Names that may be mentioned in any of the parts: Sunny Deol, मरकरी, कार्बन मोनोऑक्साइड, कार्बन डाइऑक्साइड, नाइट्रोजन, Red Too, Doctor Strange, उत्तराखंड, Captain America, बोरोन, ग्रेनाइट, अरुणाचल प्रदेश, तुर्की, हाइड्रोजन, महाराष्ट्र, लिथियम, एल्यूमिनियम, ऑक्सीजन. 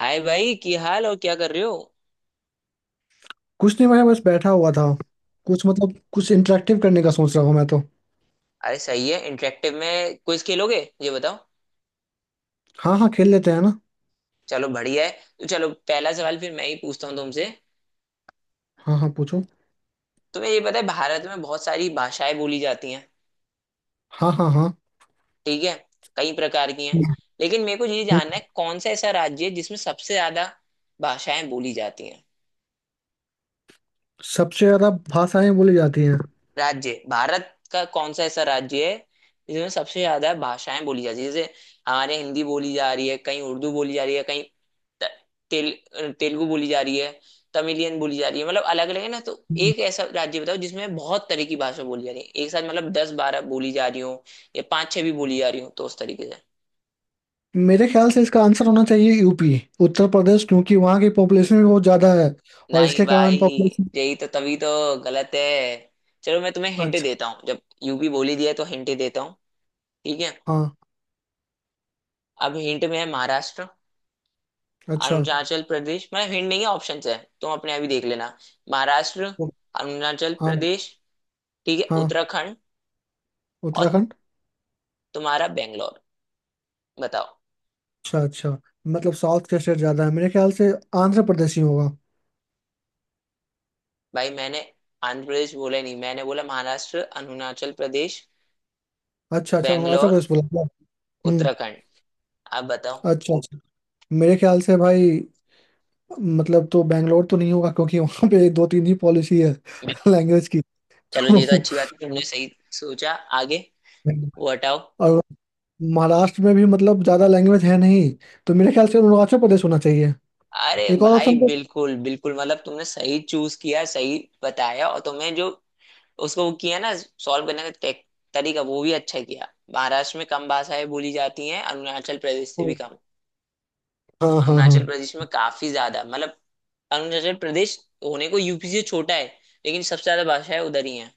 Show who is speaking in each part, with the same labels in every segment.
Speaker 1: हाय भाई, क्या हाल और क्या कर रहे हो।
Speaker 2: कुछ नहीं भाई बस बैठा हुआ था। कुछ मतलब कुछ इंटरेक्टिव करने का सोच रहा हूँ मैं तो।
Speaker 1: अरे सही है, इंटरेक्टिव में क्विज खेलोगे? ये बताओ।
Speaker 2: हाँ हाँ खेल लेते हैं ना।
Speaker 1: चलो बढ़िया है। तो चलो पहला सवाल फिर मैं ही पूछता हूँ तुमसे।
Speaker 2: हाँ हाँ पूछो।
Speaker 1: तुम्हें ये पता है भारत में बहुत सारी भाषाएं बोली जाती हैं।
Speaker 2: हाँ हाँ हाँ।
Speaker 1: ठीक है, कई प्रकार की हैं। लेकिन मेरे को ये जानना
Speaker 2: हम्म।
Speaker 1: है कौन सा ऐसा राज्य है जिसमें सबसे ज्यादा भाषाएं बोली जाती हैं।
Speaker 2: सबसे ज्यादा भाषाएं बोली जाती हैं।
Speaker 1: राज्य भारत का कौन सा ऐसा राज्य है जिसमें सबसे ज्यादा भाषाएं बोली जाती है, जैसे हमारे हिंदी बोली जा रही है, कहीं उर्दू बोली जा रही है, कहीं त- तेलुगु बोली जा रही है, तमिलियन बोली जा रही है। मतलब अलग अलग है ना, तो
Speaker 2: हम्म।
Speaker 1: एक ऐसा राज्य बताओ जिसमें बहुत तरह की भाषा बोली जा रही है एक साथ, मतलब दस बारह बोली जा रही हो या पांच छह भी बोली जा रही हो, तो उस तरीके से।
Speaker 2: मेरे ख्याल से इसका आंसर होना चाहिए यूपी। उत्तर प्रदेश क्योंकि वहाँ की पॉपुलेशन भी बहुत ज्यादा है। और
Speaker 1: नहीं
Speaker 2: इसके
Speaker 1: भाई,
Speaker 2: कारण पॉपुलेशन।
Speaker 1: यही तो, तभी तो गलत है। चलो मैं तुम्हें हिंट
Speaker 2: अच्छा।
Speaker 1: देता हूँ। जब यूपी बोली दिया है, तो हिंट देता हूँ। ठीक है,
Speaker 2: हाँ।
Speaker 1: अब हिंट में है महाराष्ट्र,
Speaker 2: अच्छा।
Speaker 1: अरुणाचल प्रदेश। मतलब हिंट नहीं है, ऑप्शंस है, तुम अपने आप ही देख लेना। महाराष्ट्र,
Speaker 2: ओ।
Speaker 1: अरुणाचल
Speaker 2: हाँ।
Speaker 1: प्रदेश, ठीक है,
Speaker 2: हाँ
Speaker 1: उत्तराखंड, और
Speaker 2: उत्तराखंड।
Speaker 1: तुम्हारा बेंगलोर। बताओ।
Speaker 2: अच्छा अच्छा। मतलब साउथ के स्टेट ज्यादा है मेरे ख्याल से। आंध्र प्रदेश ही होगा।
Speaker 1: भाई मैंने आंध्र प्रदेश बोला ही नहीं, मैंने बोला महाराष्ट्र, अरुणाचल प्रदेश,
Speaker 2: अच्छा अच्छा अरुणाचल
Speaker 1: बेंगलोर,
Speaker 2: प्रदेश बोला क्या? हम्म।
Speaker 1: उत्तराखंड। आप बताओ।
Speaker 2: अच्छा अच्छा। मेरे ख्याल से भाई। मतलब तो बैंगलोर तो नहीं होगा क्योंकि वहां पे दो तीन ही पॉलिसी है लैंग्वेज की।
Speaker 1: चलो,
Speaker 2: तो।
Speaker 1: ये तो अच्छी बात है, तुमने सही सोचा। आगे वो हटाओ।
Speaker 2: और। महाराष्ट्र में भी मतलब ज्यादा लैंग्वेज है नहीं। तो मेरे ख्याल से अरुणाचल प्रदेश होना चाहिए।
Speaker 1: अरे
Speaker 2: एक और
Speaker 1: भाई
Speaker 2: ऑप्शन तो।
Speaker 1: बिल्कुल बिल्कुल, मतलब तुमने सही चूज किया, सही बताया। और तुम्हें जो उसको वो किया ना, सॉल्व करने का टेक, तरीका वो भी अच्छा किया। महाराष्ट्र में कम भाषाएं बोली जाती हैं अरुणाचल प्रदेश से भी कम।
Speaker 2: हाँ हाँ
Speaker 1: अरुणाचल
Speaker 2: हाँ।
Speaker 1: प्रदेश में काफी ज्यादा, मतलब अरुणाचल प्रदेश होने को यूपी से छोटा है, लेकिन सबसे ज्यादा भाषाएं उधर ही हैं।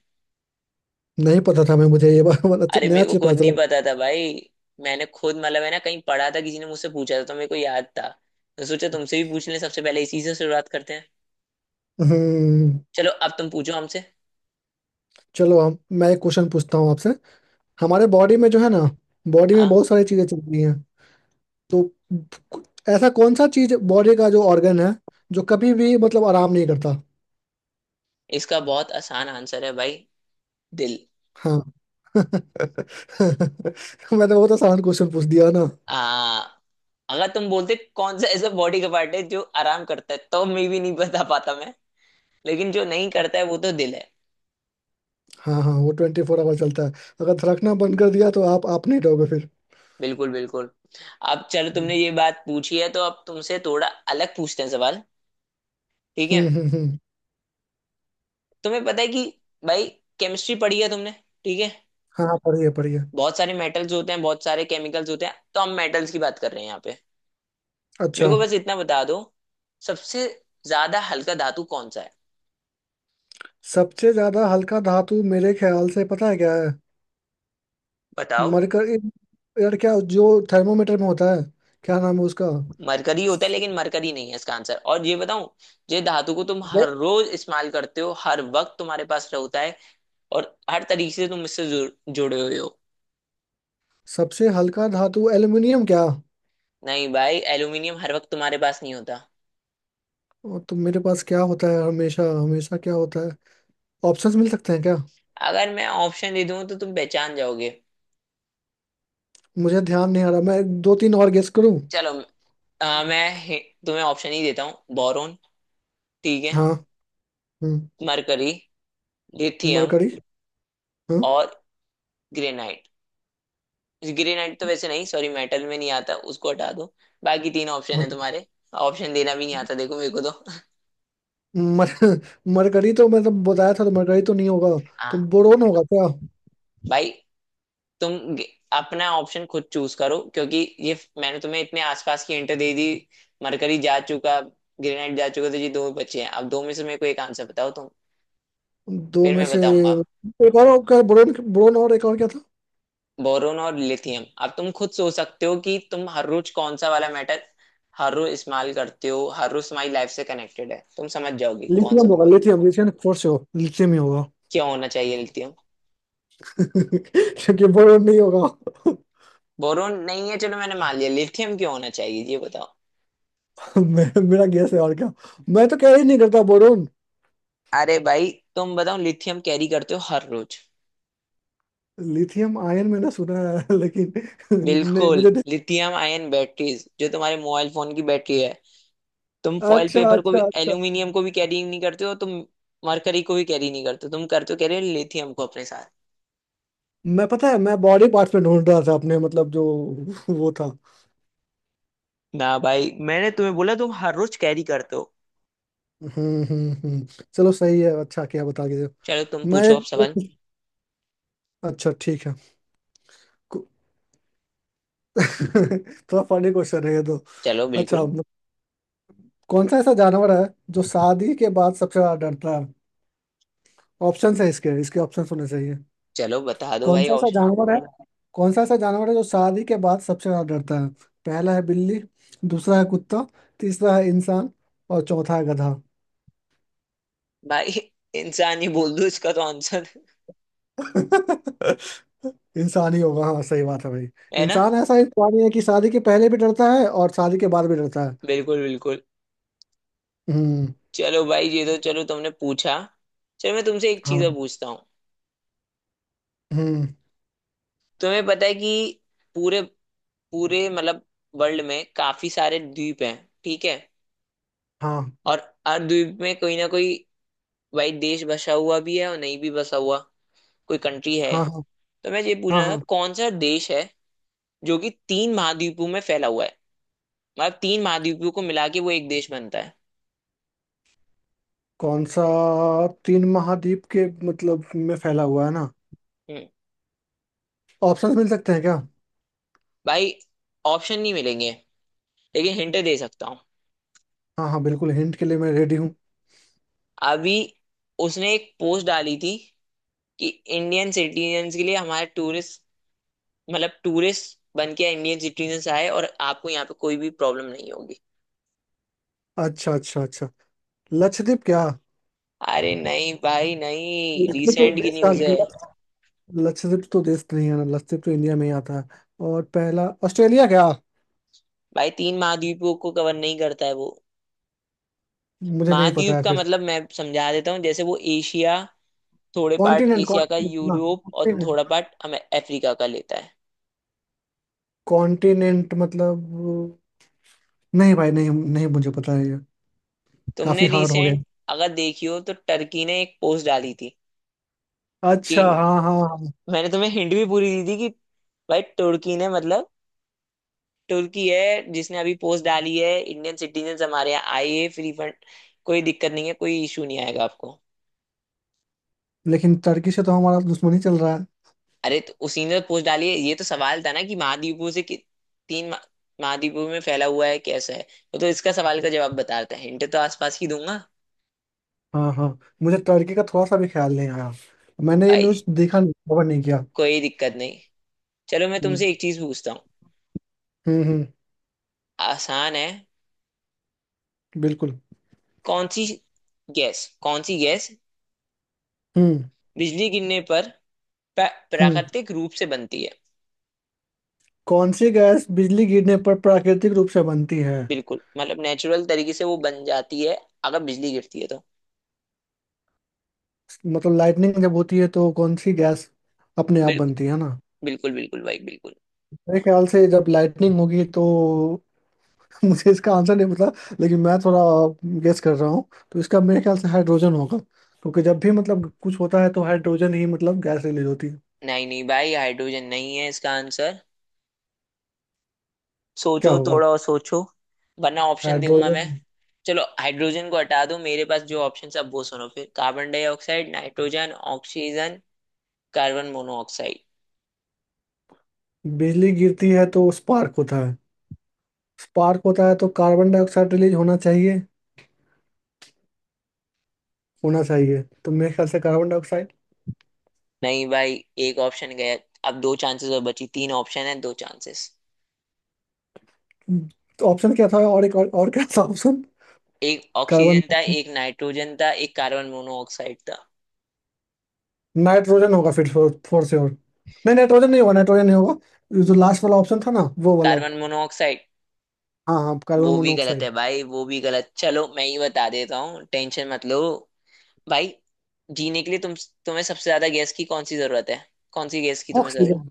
Speaker 2: नहीं पता था मैं मुझे ये बात अच्छा-
Speaker 1: अरे
Speaker 2: नया
Speaker 1: मेरे को
Speaker 2: चीज पता
Speaker 1: खुद नहीं
Speaker 2: चला।
Speaker 1: पता था भाई, मैंने खुद, मतलब है ना, कहीं पढ़ा था, किसी ने मुझसे पूछा था तो मेरे को याद था। तो सोचा तुमसे भी पूछ लें, सबसे पहले इसी से शुरुआत करते हैं।
Speaker 2: हम्म।
Speaker 1: चलो अब तुम पूछो हमसे।
Speaker 2: चलो हम मैं एक क्वेश्चन पूछता हूँ आपसे। हमारे बॉडी में जो है ना। बॉडी में
Speaker 1: हाँ।
Speaker 2: बहुत सारी चीजें चल रही हैं। तो। ऐसा कौन सा चीज बॉडी का जो ऑर्गन है। जो कभी भी मतलब आराम नहीं करता।
Speaker 1: इसका बहुत आसान आंसर है भाई, दिल।
Speaker 2: हाँ। मैंने बहुत आसान क्वेश्चन पूछ दिया ना।
Speaker 1: आ अगर तुम बोलते कौन सा ऐसा बॉडी का पार्ट है जो आराम करता है, तो मे भी नहीं बता पाता मैं। लेकिन जो नहीं करता है वो तो दिल है।
Speaker 2: हाँ हाँ वो 24 आवर चलता है। अगर धड़कना बंद कर दिया तो आप नहीं रहोगे फिर।
Speaker 1: बिल्कुल बिल्कुल। अब चलो,
Speaker 2: हम्म
Speaker 1: तुमने ये बात पूछी है, तो अब तुमसे थोड़ा अलग पूछते हैं सवाल। ठीक है,
Speaker 2: हम्म हम्म।
Speaker 1: तुम्हें पता है कि, भाई, केमिस्ट्री पढ़ी है तुमने? ठीक है,
Speaker 2: हाँ हाँ, पढ़िए पढ़िए।
Speaker 1: बहुत सारे मेटल्स होते हैं, बहुत सारे केमिकल्स होते हैं, तो हम मेटल्स की बात कर रहे हैं यहाँ पे। मेरे
Speaker 2: अच्छा।
Speaker 1: को बस इतना बता दो, सबसे ज्यादा हल्का धातु कौन सा है?
Speaker 2: सबसे ज्यादा हल्का धातु मेरे ख्याल से पता है क्या है।
Speaker 1: बताओ।
Speaker 2: मरकर। यार क्या जो थर्मोमीटर में होता है क्या नाम है उसका।
Speaker 1: मरकरी होता है,
Speaker 2: स-।
Speaker 1: लेकिन मरकरी नहीं है इसका आंसर। और ये बताऊं, ये धातु को तुम
Speaker 2: ये
Speaker 1: हर रोज इस्तेमाल करते हो, हर वक्त तुम्हारे पास होता है, और हर तरीके से तुम इससे जुड़े हुए हो।
Speaker 2: सबसे हल्का धातु एल्युमिनियम क्या।
Speaker 1: नहीं भाई, एल्यूमिनियम हर वक्त तुम्हारे पास नहीं होता।
Speaker 2: ओ, तो मेरे पास क्या होता है हमेशा हमेशा क्या होता है। ऑप्शंस मिल सकते हैं क्या।
Speaker 1: अगर मैं ऑप्शन दे दूं तो तुम पहचान जाओगे।
Speaker 2: मुझे ध्यान नहीं आ रहा मैं दो तीन और गेस करूं।
Speaker 1: चलो, अ, मैं हि- तुम्हें ऑप्शन ही देता हूँ। बोरोन, ठीक है,
Speaker 2: हाँ। हम्म।
Speaker 1: मरकरी, लिथियम,
Speaker 2: मरकरी। हाँ।
Speaker 1: और ग्रेनाइट। ग्रेनाइट तो वैसे नहीं, सॉरी, मेटल में नहीं आता, उसको हटा दो। बाकी तीन ऑप्शन है
Speaker 2: और-।
Speaker 1: तुम्हारे। ऑप्शन देना भी नहीं आता देखो मेरे को तो।
Speaker 2: मर मरकरी तो मतलब बताया था तो मरकरी तो नहीं होगा। तो
Speaker 1: हाँ
Speaker 2: बोरोन होगा क्या।
Speaker 1: भाई, तुम गे- अपना ऑप्शन खुद चूज करो, क्योंकि मैंने तुम्हें इतने आसपास की हिंट दे दी। मरकरी जा चुका, ग्रेनाइट जा चुका, तो ये दो बचे हैं। अब दो में से मेरे को एक आंसर बताओ तुम,
Speaker 2: दो
Speaker 1: फिर
Speaker 2: में
Speaker 1: मैं
Speaker 2: से।
Speaker 1: बताऊंगा।
Speaker 2: एक और क्या बोरोन बोरोन और एक और क्या था।
Speaker 1: बोरोन और लिथियम। अब तुम खुद सोच सकते हो कि तुम हर रोज कौन सा वाला मेटल हर रोज इस्तेमाल करते हो, हर रोज तुम्हारी लाइफ से कनेक्टेड है, तुम समझ जाओगे कौन
Speaker 2: लिथियम
Speaker 1: सा
Speaker 2: होगा
Speaker 1: होगा।
Speaker 2: लिथियम लिथियम फोर से हो लिथियम ही होगा।
Speaker 1: क्यों होना चाहिए लिथियम?
Speaker 2: क्योंकि बोरोन नहीं होगा
Speaker 1: बोरोन नहीं है चलो मैंने मान लिया, लिथियम क्यों होना चाहिए ये बताओ।
Speaker 2: मेरा गैस है और क्या। मैं तो कैरी नहीं करता बोरोन।
Speaker 1: अरे भाई, तुम बताओ लिथियम कैरी करते हो हर रोज?
Speaker 2: लिथियम आयन मैंने सुना है लेकिन। नहीं,
Speaker 1: बिल्कुल,
Speaker 2: मुझे नहीं-।
Speaker 1: लिथियम आयन बैटरीज, जो तुम्हारे मोबाइल फोन की बैटरी है। तुम फॉइल
Speaker 2: अच्छा
Speaker 1: पेपर को
Speaker 2: अच्छा
Speaker 1: भी,
Speaker 2: अच्छा।
Speaker 1: एल्यूमिनियम को भी कैरी नहीं करते हो तुम। मरकरी को भी कैरी नहीं करते हो तुम। करते हो कैरी लिथियम को अपने साथ।
Speaker 2: मैं पता है मैं बॉडी पार्ट्स में ढूंढ रहा था अपने मतलब जो। वो था।
Speaker 1: ना भाई, मैंने तुम्हें बोला तुम हर रोज कैरी करते हो।
Speaker 2: हम्म। चलो सही है अच्छा क्या बता के दो।
Speaker 1: चलो तुम
Speaker 2: मैं
Speaker 1: पूछो अब
Speaker 2: एक।
Speaker 1: सवाल।
Speaker 2: अच्छा ठीक है। कु-। थोड़ा फनी क्वेश्चन है ये तो।
Speaker 1: चलो
Speaker 2: अच्छा
Speaker 1: बिल्कुल।
Speaker 2: म-। कौन सा ऐसा जानवर है। जो शादी के बाद सबसे ज्यादा डरता है। ऑप्शन है इसके इसके ऑप्शन होने चाहिए।
Speaker 1: चलो बता दो
Speaker 2: कौन
Speaker 1: भाई
Speaker 2: सा ऐसा
Speaker 1: ऑप्शन।
Speaker 2: जानवर है। कौन सा ऐसा जानवर है जो शादी के बाद सबसे ज्यादा डरता है। पहला है बिल्ली। दूसरा है कुत्ता। तीसरा है इंसान। और चौथा है गधा।
Speaker 1: भाई, इंसान ही बोल दो इसका तो आंसर,
Speaker 2: इंसान ही होगा, हाँ सही बात है भाई।
Speaker 1: है ना।
Speaker 2: इंसान ऐसा इंसान है कि शादी के पहले भी डरता है और शादी के बाद भी डरता है।
Speaker 1: बिल्कुल बिल्कुल।
Speaker 2: हम्म।
Speaker 1: चलो भाई, ये तो चलो तुमने पूछा। चलो मैं तुमसे एक चीज
Speaker 2: हाँ।
Speaker 1: और पूछता हूँ।
Speaker 2: हम्म।
Speaker 1: तुम्हें पता है कि, पूरे पूरे मतलब वर्ल्ड में काफी सारे द्वीप हैं। ठीक है,
Speaker 2: हाँ
Speaker 1: और हर द्वीप में कोई ना कोई, भाई, देश बसा हुआ भी है और नहीं भी बसा हुआ, कोई कंट्री है।
Speaker 2: हाँ हाँ
Speaker 1: तो मैं ये
Speaker 2: हाँ
Speaker 1: पूछना था
Speaker 2: हाँ।
Speaker 1: कौन सा देश है जो कि तीन महाद्वीपों में फैला हुआ है, मतलब तीन महाद्वीपों को मिला के वो एक देश बनता है।
Speaker 2: कौन सा। तीन महाद्वीप के मतलब में फैला हुआ है ना।
Speaker 1: हम्म।
Speaker 2: ऑप्शंस मिल सकते हैं क्या।
Speaker 1: भाई ऑप्शन नहीं मिलेंगे, लेकिन हिंट दे सकता हूँ।
Speaker 2: हाँ हाँ बिल्कुल हिंट के लिए मैं रेडी हूँ।
Speaker 1: अभी उसने एक पोस्ट डाली थी कि इंडियन सिटीजन्स के लिए हमारे टूरिस्ट, मतलब टूरिस्ट बन के इंडियन सिटीजन आए और आपको यहाँ पे कोई भी प्रॉब्लम नहीं होगी।
Speaker 2: अच्छा अच्छा अच्छा। लक्षद्वीप क्या।
Speaker 1: अरे नहीं भाई नहीं,
Speaker 2: लक्षद्वीप तो
Speaker 1: रिसेंट की
Speaker 2: देश का।
Speaker 1: न्यूज है।
Speaker 2: लक्षद्वीप तो देश नहीं है ना, लक्षद्वीप तो इंडिया में ही आता है। और पहला ऑस्ट्रेलिया क्या।
Speaker 1: भाई तीन महाद्वीपों को कवर नहीं करता है वो।
Speaker 2: मुझे नहीं पता
Speaker 1: महाद्वीप
Speaker 2: है
Speaker 1: का
Speaker 2: फिर।
Speaker 1: मतलब मैं समझा देता हूँ, जैसे वो एशिया, थोड़े पार्ट
Speaker 2: कॉन्टिनेंट
Speaker 1: एशिया का,
Speaker 2: कॉन्टिनेंट ना।
Speaker 1: यूरोप, और
Speaker 2: कॉन्टिनेंट।
Speaker 1: थोड़ा पार्ट हमें अफ्रीका का लेता है।
Speaker 2: कॉन्टिनेंट मतलब। नहीं भाई नहीं नहीं मुझे पता है ये।
Speaker 1: तुमने
Speaker 2: काफी हार्ड हो गया।
Speaker 1: रिसेंट अगर देखी हो तो टर्की ने एक पोस्ट डाली थी, कि
Speaker 2: अच्छा हाँ हाँ हाँ।
Speaker 1: मैंने तुम्हें हिंट भी पूरी दी थी, कि भाई तुर्की ने, मतलब तुर्की है जिसने अभी पोस्ट डाली है, इंडियन सिटीजन हमारे यहाँ आइए फ्री फंड, कोई दिक्कत नहीं है, कोई इशू नहीं आएगा आपको।
Speaker 2: लेकिन टर्की से तो हमारा दुश्मनी चल रहा है।
Speaker 1: अरे तो उसी ने पोस्ट डाली है, ये तो सवाल था ना कि महाद्वीपों से, कि तीन महा- महाद्वीपों में फैला हुआ है कैसा है, वो तो इसका सवाल का जवाब बताता है, हिंट तो आसपास की दूंगा।
Speaker 2: हाँ हाँ। मुझे टर्की का थोड़ा सा भी ख्याल नहीं आया। मैंने ये
Speaker 1: भाई
Speaker 2: न्यूज़ देखा नहीं, कवर नहीं किया।
Speaker 1: कोई दिक्कत नहीं। चलो मैं
Speaker 2: हम्म
Speaker 1: तुमसे एक चीज पूछता हूँ।
Speaker 2: हम्म।
Speaker 1: आसान है।
Speaker 2: बिल्कुल।
Speaker 1: कौन सी गैस, कौन सी गैस
Speaker 2: हम्म
Speaker 1: बिजली गिरने पर
Speaker 2: हम्म।
Speaker 1: प्राकृतिक रूप से बनती है?
Speaker 2: कौन सी गैस बिजली गिरने पर प्राकृतिक रूप से बनती है।
Speaker 1: बिल्कुल, मतलब नेचुरल तरीके से वो बन जाती है अगर बिजली गिरती है तो।
Speaker 2: मतलब लाइटनिंग जब होती है तो कौन सी गैस अपने आप
Speaker 1: बिल्कुल
Speaker 2: बनती है ना।
Speaker 1: बिल्कुल बिल्कुल भाई बिल्कुल।
Speaker 2: मेरे ख्याल से जब लाइटनिंग होगी तो। मुझे इसका आंसर नहीं पता लेकिन मैं थोड़ा गेस कर रहा हूँ। तो इसका मेरे ख्याल से हाइड्रोजन होगा क्योंकि जब भी मतलब कुछ होता है तो हाइड्रोजन ही मतलब गैस रिलीज होती है।
Speaker 1: नहीं नहीं भाई, हाइड्रोजन नहीं है इसका आंसर।
Speaker 2: क्या
Speaker 1: सोचो,
Speaker 2: होगा।
Speaker 1: थोड़ा और सोचो, वरना ऑप्शन दूंगा
Speaker 2: हाइड्रोजन।
Speaker 1: मैं। चलो हाइड्रोजन को हटा दो, मेरे पास जो ऑप्शन है अब वो सुनो फिर। कार्बन डाइऑक्साइड, नाइट्रोजन, ऑक्सीजन, कार्बन मोनोऑक्साइड।
Speaker 2: बिजली गिरती है तो स्पार्क होता है। स्पार्क होता है तो कार्बन डाइऑक्साइड रिलीज होना चाहिए। होना चाहिए तो मेरे ख्याल से कार्बन डाइऑक्साइड।
Speaker 1: नहीं भाई, एक ऑप्शन गया। अब दो चांसेस और बची, तीन ऑप्शन है, दो चांसेस।
Speaker 2: तो ऑप्शन क्या था, और एक और क्या था ऑप्शन।
Speaker 1: एक
Speaker 2: कार्बन
Speaker 1: ऑक्सीजन था,
Speaker 2: डाइऑक्साइड।
Speaker 1: एक नाइट्रोजन था, एक कार्बन मोनोऑक्साइड था।
Speaker 2: नाइट्रोजन होगा फिर फोर से और। नहीं नाइट्रोजन नहीं होगा नाइट्रोजन नहीं होगा। ये जो लास्ट वाला ऑप्शन था ना वो वाला।
Speaker 1: कार्बन मोनोऑक्साइड
Speaker 2: हाँ हाँ कार्बन
Speaker 1: वो भी गलत
Speaker 2: मोनोऑक्साइड।
Speaker 1: है भाई, वो भी गलत। चलो मैं ही बता देता हूँ, टेंशन मत लो। भाई, जीने के लिए तुम, तुम्हें सबसे ज्यादा गैस की कौन सी जरूरत है? कौन सी गैस की तुम्हें जरूरत?
Speaker 2: ऑक्सीजन।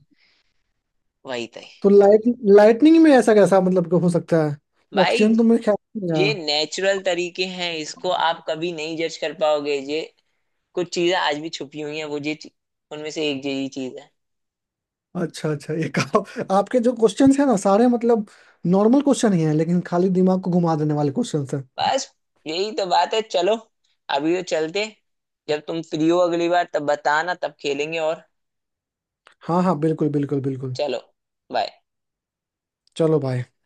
Speaker 1: वही तय।
Speaker 2: तो लाइट। लाइटनिंग में ऐसा कैसा मतलब कि हो सकता है
Speaker 1: भाई,
Speaker 2: ऑक्सीजन तो मेरे ख्याल में नहीं
Speaker 1: ये
Speaker 2: आया।
Speaker 1: नेचुरल तरीके हैं, इसको आप कभी नहीं जज कर पाओगे ये। कुछ चीजें आज भी छुपी हुई हैं, वो उनमें से एक यही चीज है।
Speaker 2: अच्छा अच्छा ये आपके जो क्वेश्चंस हैं ना सारे मतलब नॉर्मल क्वेश्चन ही हैं लेकिन खाली दिमाग को घुमा देने वाले क्वेश्चंस हैं।
Speaker 1: बस, यही तो बात है। चलो अभी तो चलते, जब तुम फ्री हो अगली बार तब बताना, तब खेलेंगे और।
Speaker 2: हाँ हाँ बिल्कुल बिल्कुल बिल्कुल।
Speaker 1: चलो बाय।
Speaker 2: चलो भाई।